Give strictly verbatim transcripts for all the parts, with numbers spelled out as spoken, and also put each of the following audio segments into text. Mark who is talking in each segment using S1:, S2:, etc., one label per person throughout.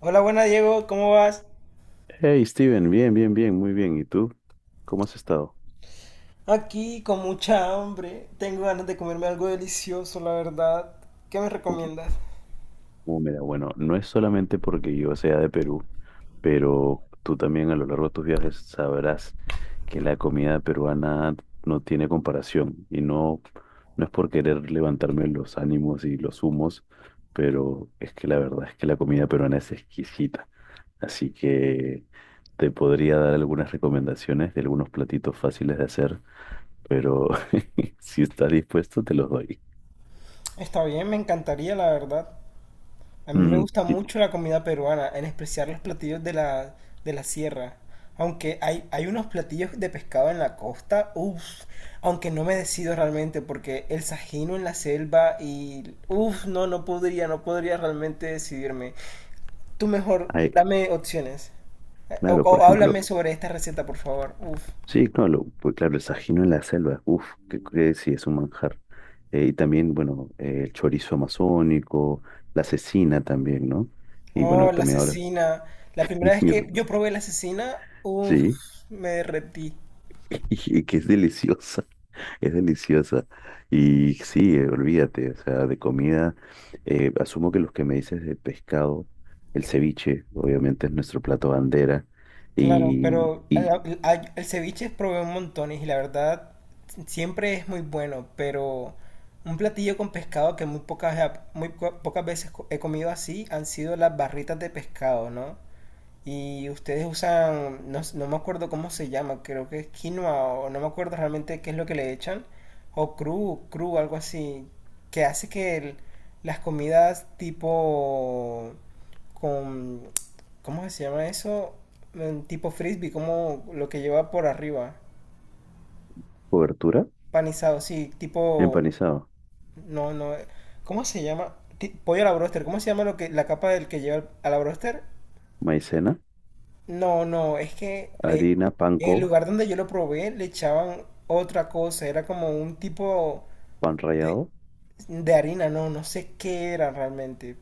S1: Hola, buena Diego, ¿cómo vas?
S2: Hey Steven, bien, bien, bien, muy bien. ¿Y tú? ¿Cómo has estado?
S1: Aquí con mucha hambre, tengo ganas de comerme algo delicioso, la verdad. ¿Qué me
S2: Uh,
S1: recomiendas?
S2: uh, mira, bueno, no es solamente porque yo sea de Perú, pero tú también a lo largo de tus viajes sabrás que la comida peruana no tiene comparación y no, no es por querer levantarme los ánimos y los humos, pero es que la verdad es que la comida peruana es exquisita. Así que te podría dar algunas recomendaciones de algunos platitos fáciles de hacer, pero si estás dispuesto te los doy.
S1: Está bien, me encantaría, la verdad. A mí me
S2: Mm,
S1: gusta
S2: sí,
S1: mucho la comida peruana, en especial los platillos de la, de la sierra. Aunque hay, hay unos platillos de pescado en la costa, uff, aunque no me decido realmente porque el sajino en la selva y uff, no, no podría, no podría realmente decidirme. Tú mejor,
S2: ay,
S1: dame opciones. Eh, O,
S2: claro, por
S1: o
S2: ejemplo,
S1: háblame sobre esta receta, por favor. Uf.
S2: sí, no, lo- pues claro, el sajino en la selva, uff, que, que sí es un manjar. Eh, y también, bueno, eh, el chorizo amazónico, la cecina también, ¿no? Y bueno,
S1: Oh, la
S2: también ahora,
S1: asesina. La
S2: y-
S1: primera vez que yo probé la asesina, uf,
S2: sí,
S1: me derretí.
S2: y que es deliciosa, es deliciosa. Y sí, eh, olvídate, o sea, de comida, eh, asumo que los que me dices de pescado, el ceviche, obviamente es nuestro plato bandera,
S1: Claro,
S2: y,
S1: pero
S2: y
S1: a- a- el ceviche probé un montón y la verdad siempre es muy bueno, pero un platillo con pescado que muy pocas, eh, muy po- pocas veces co- he comido así han sido las barritas de pescado, ¿no? Y ustedes usan, no, no me acuerdo cómo se llama, creo que es quinoa o no me acuerdo realmente qué es lo que le echan, o cru, cru, algo así, que hace que el- las comidas tipo con, ¿cómo se llama eso? Mm, Tipo frisbee, como lo que lleva por arriba,
S2: cobertura,
S1: panizado, sí, tipo,
S2: empanizado.
S1: no, no, ¿cómo se llama? Ti- pollo a la broster, ¿cómo se llama lo que, la capa del que lleva a la broster?
S2: Maicena,
S1: No, no, es que le,
S2: harina,
S1: en
S2: panko,
S1: el lugar donde yo lo probé le echaban otra cosa, era como un tipo
S2: pan
S1: de,
S2: rallado.
S1: de harina, no, no sé qué era realmente,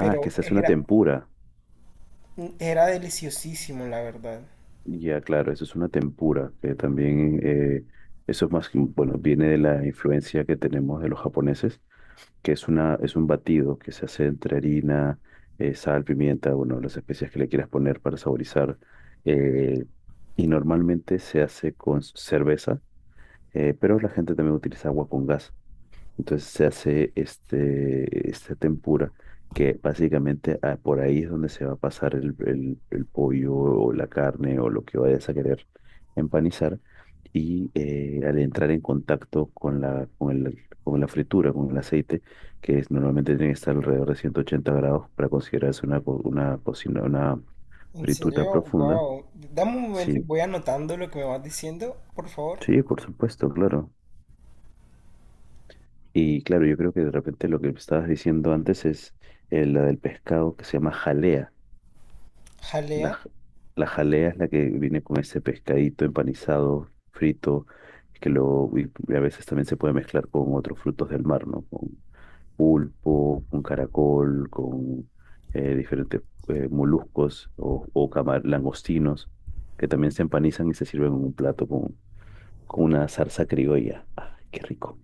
S2: Ah, es que se hace una
S1: era,
S2: tempura.
S1: era deliciosísimo, la verdad.
S2: Ya, claro, eso es una tempura, que también, eh, eso es más, que- bueno, viene de la influencia que tenemos de los japoneses, que es una, es un batido que se hace entre harina, eh, sal, pimienta, bueno, las especias que le quieras poner para saborizar. eh, y normalmente se hace con cerveza, eh, pero la gente también utiliza agua con gas. Entonces se hace este, este tempura, que básicamente ah, por ahí es donde se va a pasar el, el- el pollo o la carne o lo que vayas a querer empanizar. Y eh, al entrar en contacto con la, con el- con la fritura, con el aceite, que es, normalmente tiene que estar alrededor de ciento ochenta grados para considerarse una, co- una cocina, una
S1: En
S2: fritura
S1: serio,
S2: profunda.
S1: wow. Dame un momento y
S2: Sí,
S1: voy anotando lo que me vas diciendo, por favor.
S2: sí, por supuesto, claro. Y claro, yo creo que de repente lo que estabas diciendo antes es eh, la del pescado que se llama jalea. La,
S1: Jalea.
S2: j- la jalea es la que viene con ese pescadito empanizado, frito, que luego y a veces también se puede mezclar con otros frutos del mar, ¿no? Con pulpo, con caracol, con eh, diferentes eh, moluscos o, o camar- langostinos, que también se empanizan y se sirven en un plato con, con una salsa criolla. ¡Ay, qué rico!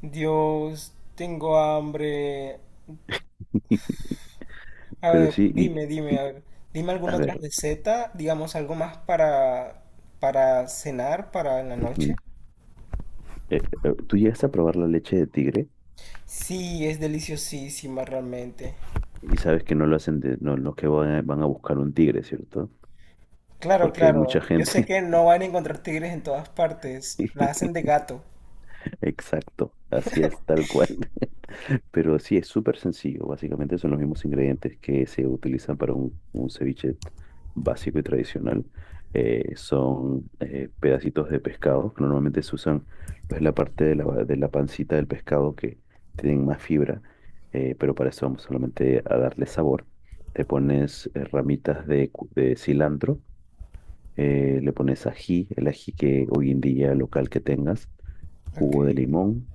S1: Dios, tengo hambre. A
S2: Pero
S1: ver,
S2: sí,
S1: dime,
S2: y,
S1: dime, a
S2: y,
S1: ver, dime
S2: a
S1: alguna otra
S2: ver.
S1: receta, digamos algo más para, para cenar, para en la noche.
S2: Ujú. Eh, eh, tú llegas a probar la leche de tigre
S1: Sí, es deliciosísima realmente.
S2: y sabes que no lo hacen de, no, no que van a, van a buscar un tigre, ¿cierto?
S1: Claro,
S2: Porque hay
S1: claro,
S2: mucha
S1: yo sé
S2: gente.
S1: que no van a encontrar tigres en todas partes, la hacen de gato.
S2: Exacto, así es, tal cual. Pero sí, es súper sencillo. Básicamente son los mismos ingredientes que se utilizan para un, un ceviche básico y tradicional. Eh, son eh, Pedacitos de pescado que normalmente se usan pues, la parte de la, de la pancita del pescado que tienen más fibra, eh, pero para eso vamos solamente a darle sabor. Te pones eh, ramitas de, cu- de cilantro, eh, le pones ají, el ají que hoy en día local que tengas,
S1: Ok.
S2: jugo de limón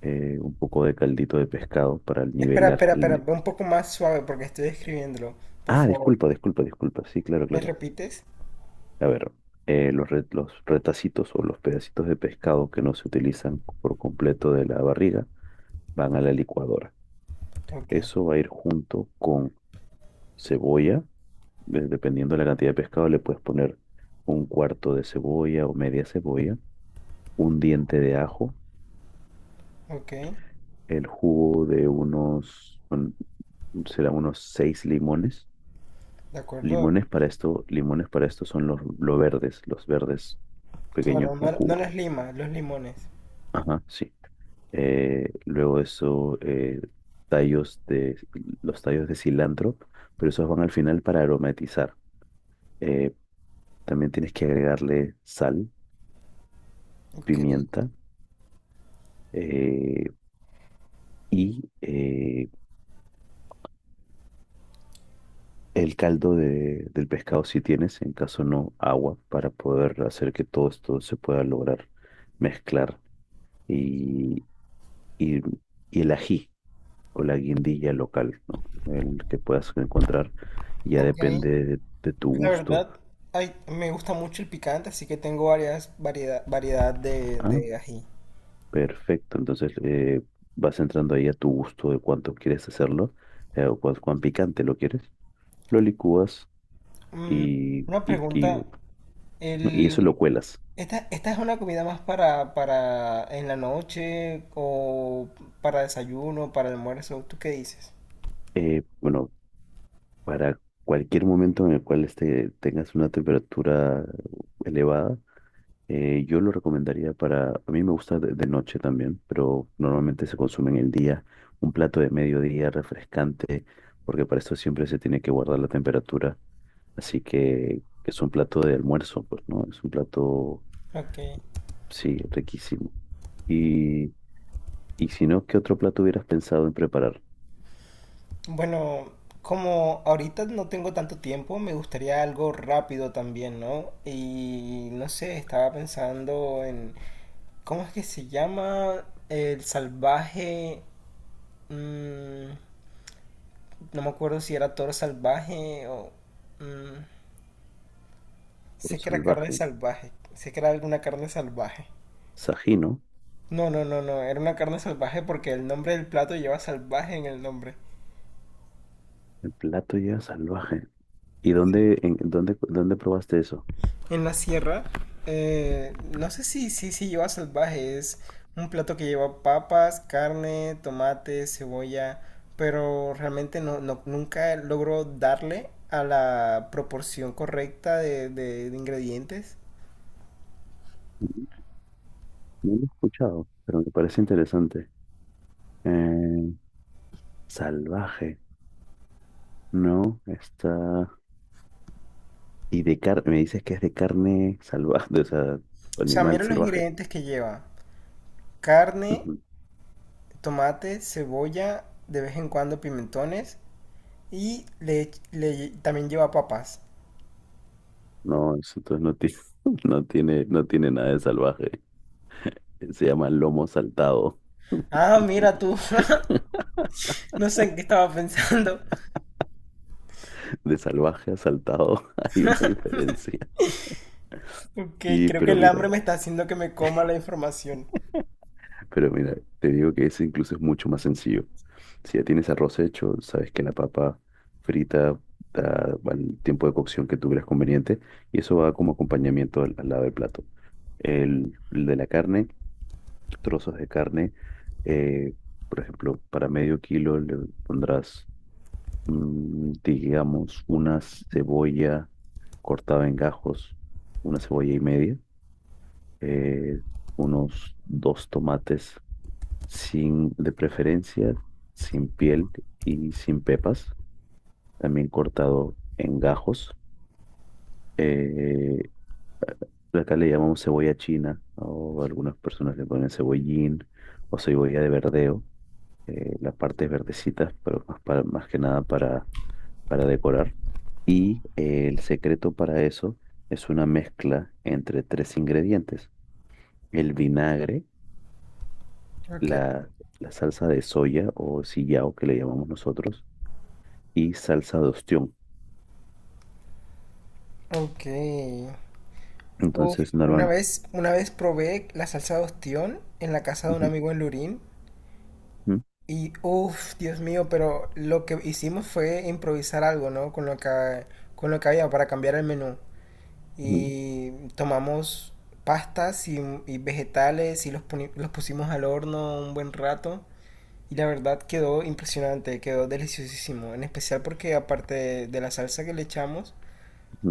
S2: eh, un poco de caldito de pescado para
S1: Espera,
S2: nivelar
S1: espera, espera,
S2: el...
S1: ve un poco más suave porque estoy escribiéndolo, por
S2: Ah,
S1: favor.
S2: disculpa, disculpa, disculpa. Sí, claro,
S1: ¿Me
S2: claro.
S1: repites?
S2: A ver, eh, los, re- los retacitos o los pedacitos de pescado que no se utilizan por completo de la barriga van a la licuadora.
S1: Ok,
S2: Eso va a ir junto con cebolla. de- Dependiendo de la cantidad de pescado, le puedes poner un cuarto de cebolla o media cebolla, un diente de ajo,
S1: ok,
S2: el jugo de unos, un- será unos seis limones.
S1: de acuerdo.
S2: Limones para esto, limones para esto son los, los verdes, los verdes pequeños
S1: Claro,
S2: con
S1: no, no
S2: jugo.
S1: las limas, los limones.
S2: Ajá, sí. Eh, luego eso, eh, tallos de, los tallos de cilantro, pero esos van al final para aromatizar. Eh, También tienes que agregarle sal,
S1: Ok,
S2: pimienta eh, y eh, el caldo de- del pescado si tienes, en caso no, agua para poder hacer que todo esto se pueda lograr mezclar y, y y el ají, o la guindilla local, ¿no? El que puedas encontrar ya
S1: ok.
S2: depende de, de tu
S1: La
S2: gusto.
S1: verdad, ay, me gusta mucho el picante, así que tengo varias variedad, variedad de,
S2: Ah,
S1: de ají.
S2: perfecto. Entonces eh, vas entrando ahí a tu gusto de cuánto quieres hacerlo eh, o cuán, cuán picante lo quieres. Lo licúas
S1: Mm,
S2: y,
S1: una
S2: y, y,
S1: pregunta,
S2: y eso
S1: el,
S2: lo cuelas.
S1: esta, ¿esta es una comida más para, para en la noche o para desayuno, para almuerzo? ¿Tú qué dices?
S2: Eh, bueno, para cualquier momento en el cual este, tengas una temperatura elevada. Eh, yo lo recomendaría para, a mí me gusta de, de noche también, pero normalmente se consume en el día, un plato de mediodía refrescante, porque para esto siempre se tiene que guardar la temperatura, así que es un plato de almuerzo, pues, ¿no? Es un plato,
S1: Ok.
S2: sí, riquísimo. Y, y si no, ¿qué otro plato hubieras pensado en preparar?
S1: Bueno, como ahorita no tengo tanto tiempo, me gustaría algo rápido también, ¿no? Y no sé, estaba pensando en, ¿cómo es que se llama? El salvaje... mm, no me acuerdo si era toro salvaje o... mm,
S2: Un
S1: sé que era carne
S2: salvaje,
S1: salvaje, sé que era alguna carne salvaje.
S2: Sají, ¿no?
S1: No, no, no, no, era una carne salvaje porque el nombre del plato lleva salvaje en el nombre.
S2: El plato ya salvaje. ¿Y
S1: Sí.
S2: dónde, en, dónde, dónde probaste eso?
S1: En la sierra, eh, no sé si, si, si lleva salvaje, es un plato que lleva papas, carne, tomate, cebolla, pero realmente no, no- nunca logro darle a la proporción correcta de, de- de ingredientes.
S2: Ujú. No lo he escuchado, pero me parece interesante. Eh, Salvaje, ¿no? Está... Y de carne, me dices que es de carne salvaje, o sea,
S1: O sea,
S2: animal
S1: mira los
S2: salvaje.
S1: ingredientes que lleva. Carne,
S2: Ujú.
S1: tomate, cebolla, de vez en cuando pimentones y le, le- también lleva papas.
S2: No, eso entonces no tiene, no tiene, no tiene nada de salvaje. Se llama lomo saltado.
S1: Ah, mira tú. No sé en qué estaba pensando.
S2: De salvaje a saltado hay una diferencia.
S1: Ok,
S2: Sí,
S1: creo que
S2: pero
S1: el
S2: mira,
S1: hambre me está haciendo que me coma la información.
S2: pero mira, te digo que ese incluso es mucho más sencillo. Si ya tienes arroz hecho, sabes que la papa frita da bueno, el tiempo de cocción que tú creas conveniente y eso va como acompañamiento al, al lado del plato. El, el de la carne, trozos de carne, eh, por ejemplo, para medio kilo le pondrás, mm, digamos, una cebolla cortada en gajos, una cebolla y media, eh, unos dos tomates sin, de preferencia, sin piel y sin pepas también cortado en gajos. Eh, Acá le llamamos cebolla china, o algunas personas le ponen cebollín o cebolla de verdeo, eh, las partes verdecitas, pero más, para, más que nada para, para decorar. Y eh, el secreto para eso es una mezcla entre tres ingredientes: el vinagre,
S1: Ok,
S2: la, la salsa de soya o sillao que le llamamos nosotros, y salsa de ostión.
S1: ok. Uf,
S2: Entonces,
S1: una
S2: normal.
S1: vez, una vez probé la salsa de ostión en la casa de un
S2: Ujú,
S1: amigo en Lurín.
S2: ujú,
S1: Y uff, Dios mío, pero lo que hicimos fue improvisar algo, ¿no? Con lo que, con lo que había para cambiar el menú.
S2: ujú,
S1: Y tomamos pastas y, y vegetales y los, poni- los pusimos al horno un buen rato. Y la verdad quedó impresionante, quedó deliciosísimo. En especial porque aparte de, de la salsa que le echamos,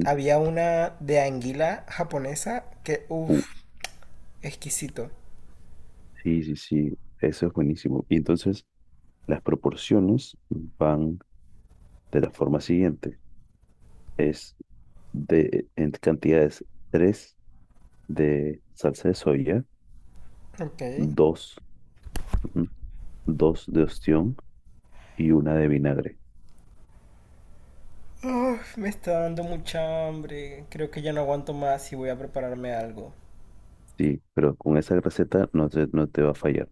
S1: había una de anguila japonesa que
S2: ujú.
S1: uff, exquisito.
S2: Sí, sí, sí, eso es buenísimo. Y entonces las proporciones van de la forma siguiente. Es de en cantidades tres de salsa de soya,
S1: Ok.
S2: dos, dos de ostión y una de vinagre.
S1: Uf, me está dando mucha hambre. Creo que ya no aguanto más y voy a prepararme algo.
S2: Sí, pero con esa receta no te, no te va a fallar.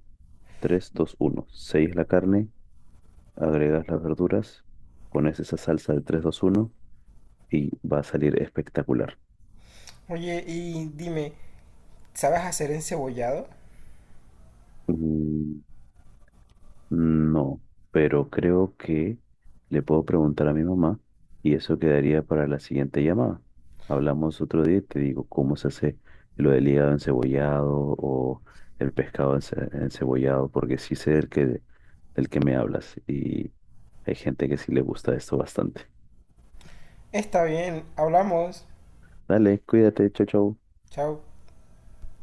S2: Tres dos uno seis la carne, agregas las verduras, pones esa salsa de tres dos uno y va a salir espectacular.
S1: Oye, y dime, ¿sabes hacer encebollado?
S2: Mm, no, pero creo que le puedo preguntar a mi mamá y eso quedaría para la siguiente llamada. Hablamos otro día y te digo cómo se hace lo del hígado encebollado o el pescado ence- encebollado, porque sí sé del que, del que me hablas y hay gente que sí le gusta esto bastante.
S1: Está bien, hablamos.
S2: Dale, cuídate, chau, chau.
S1: Chao.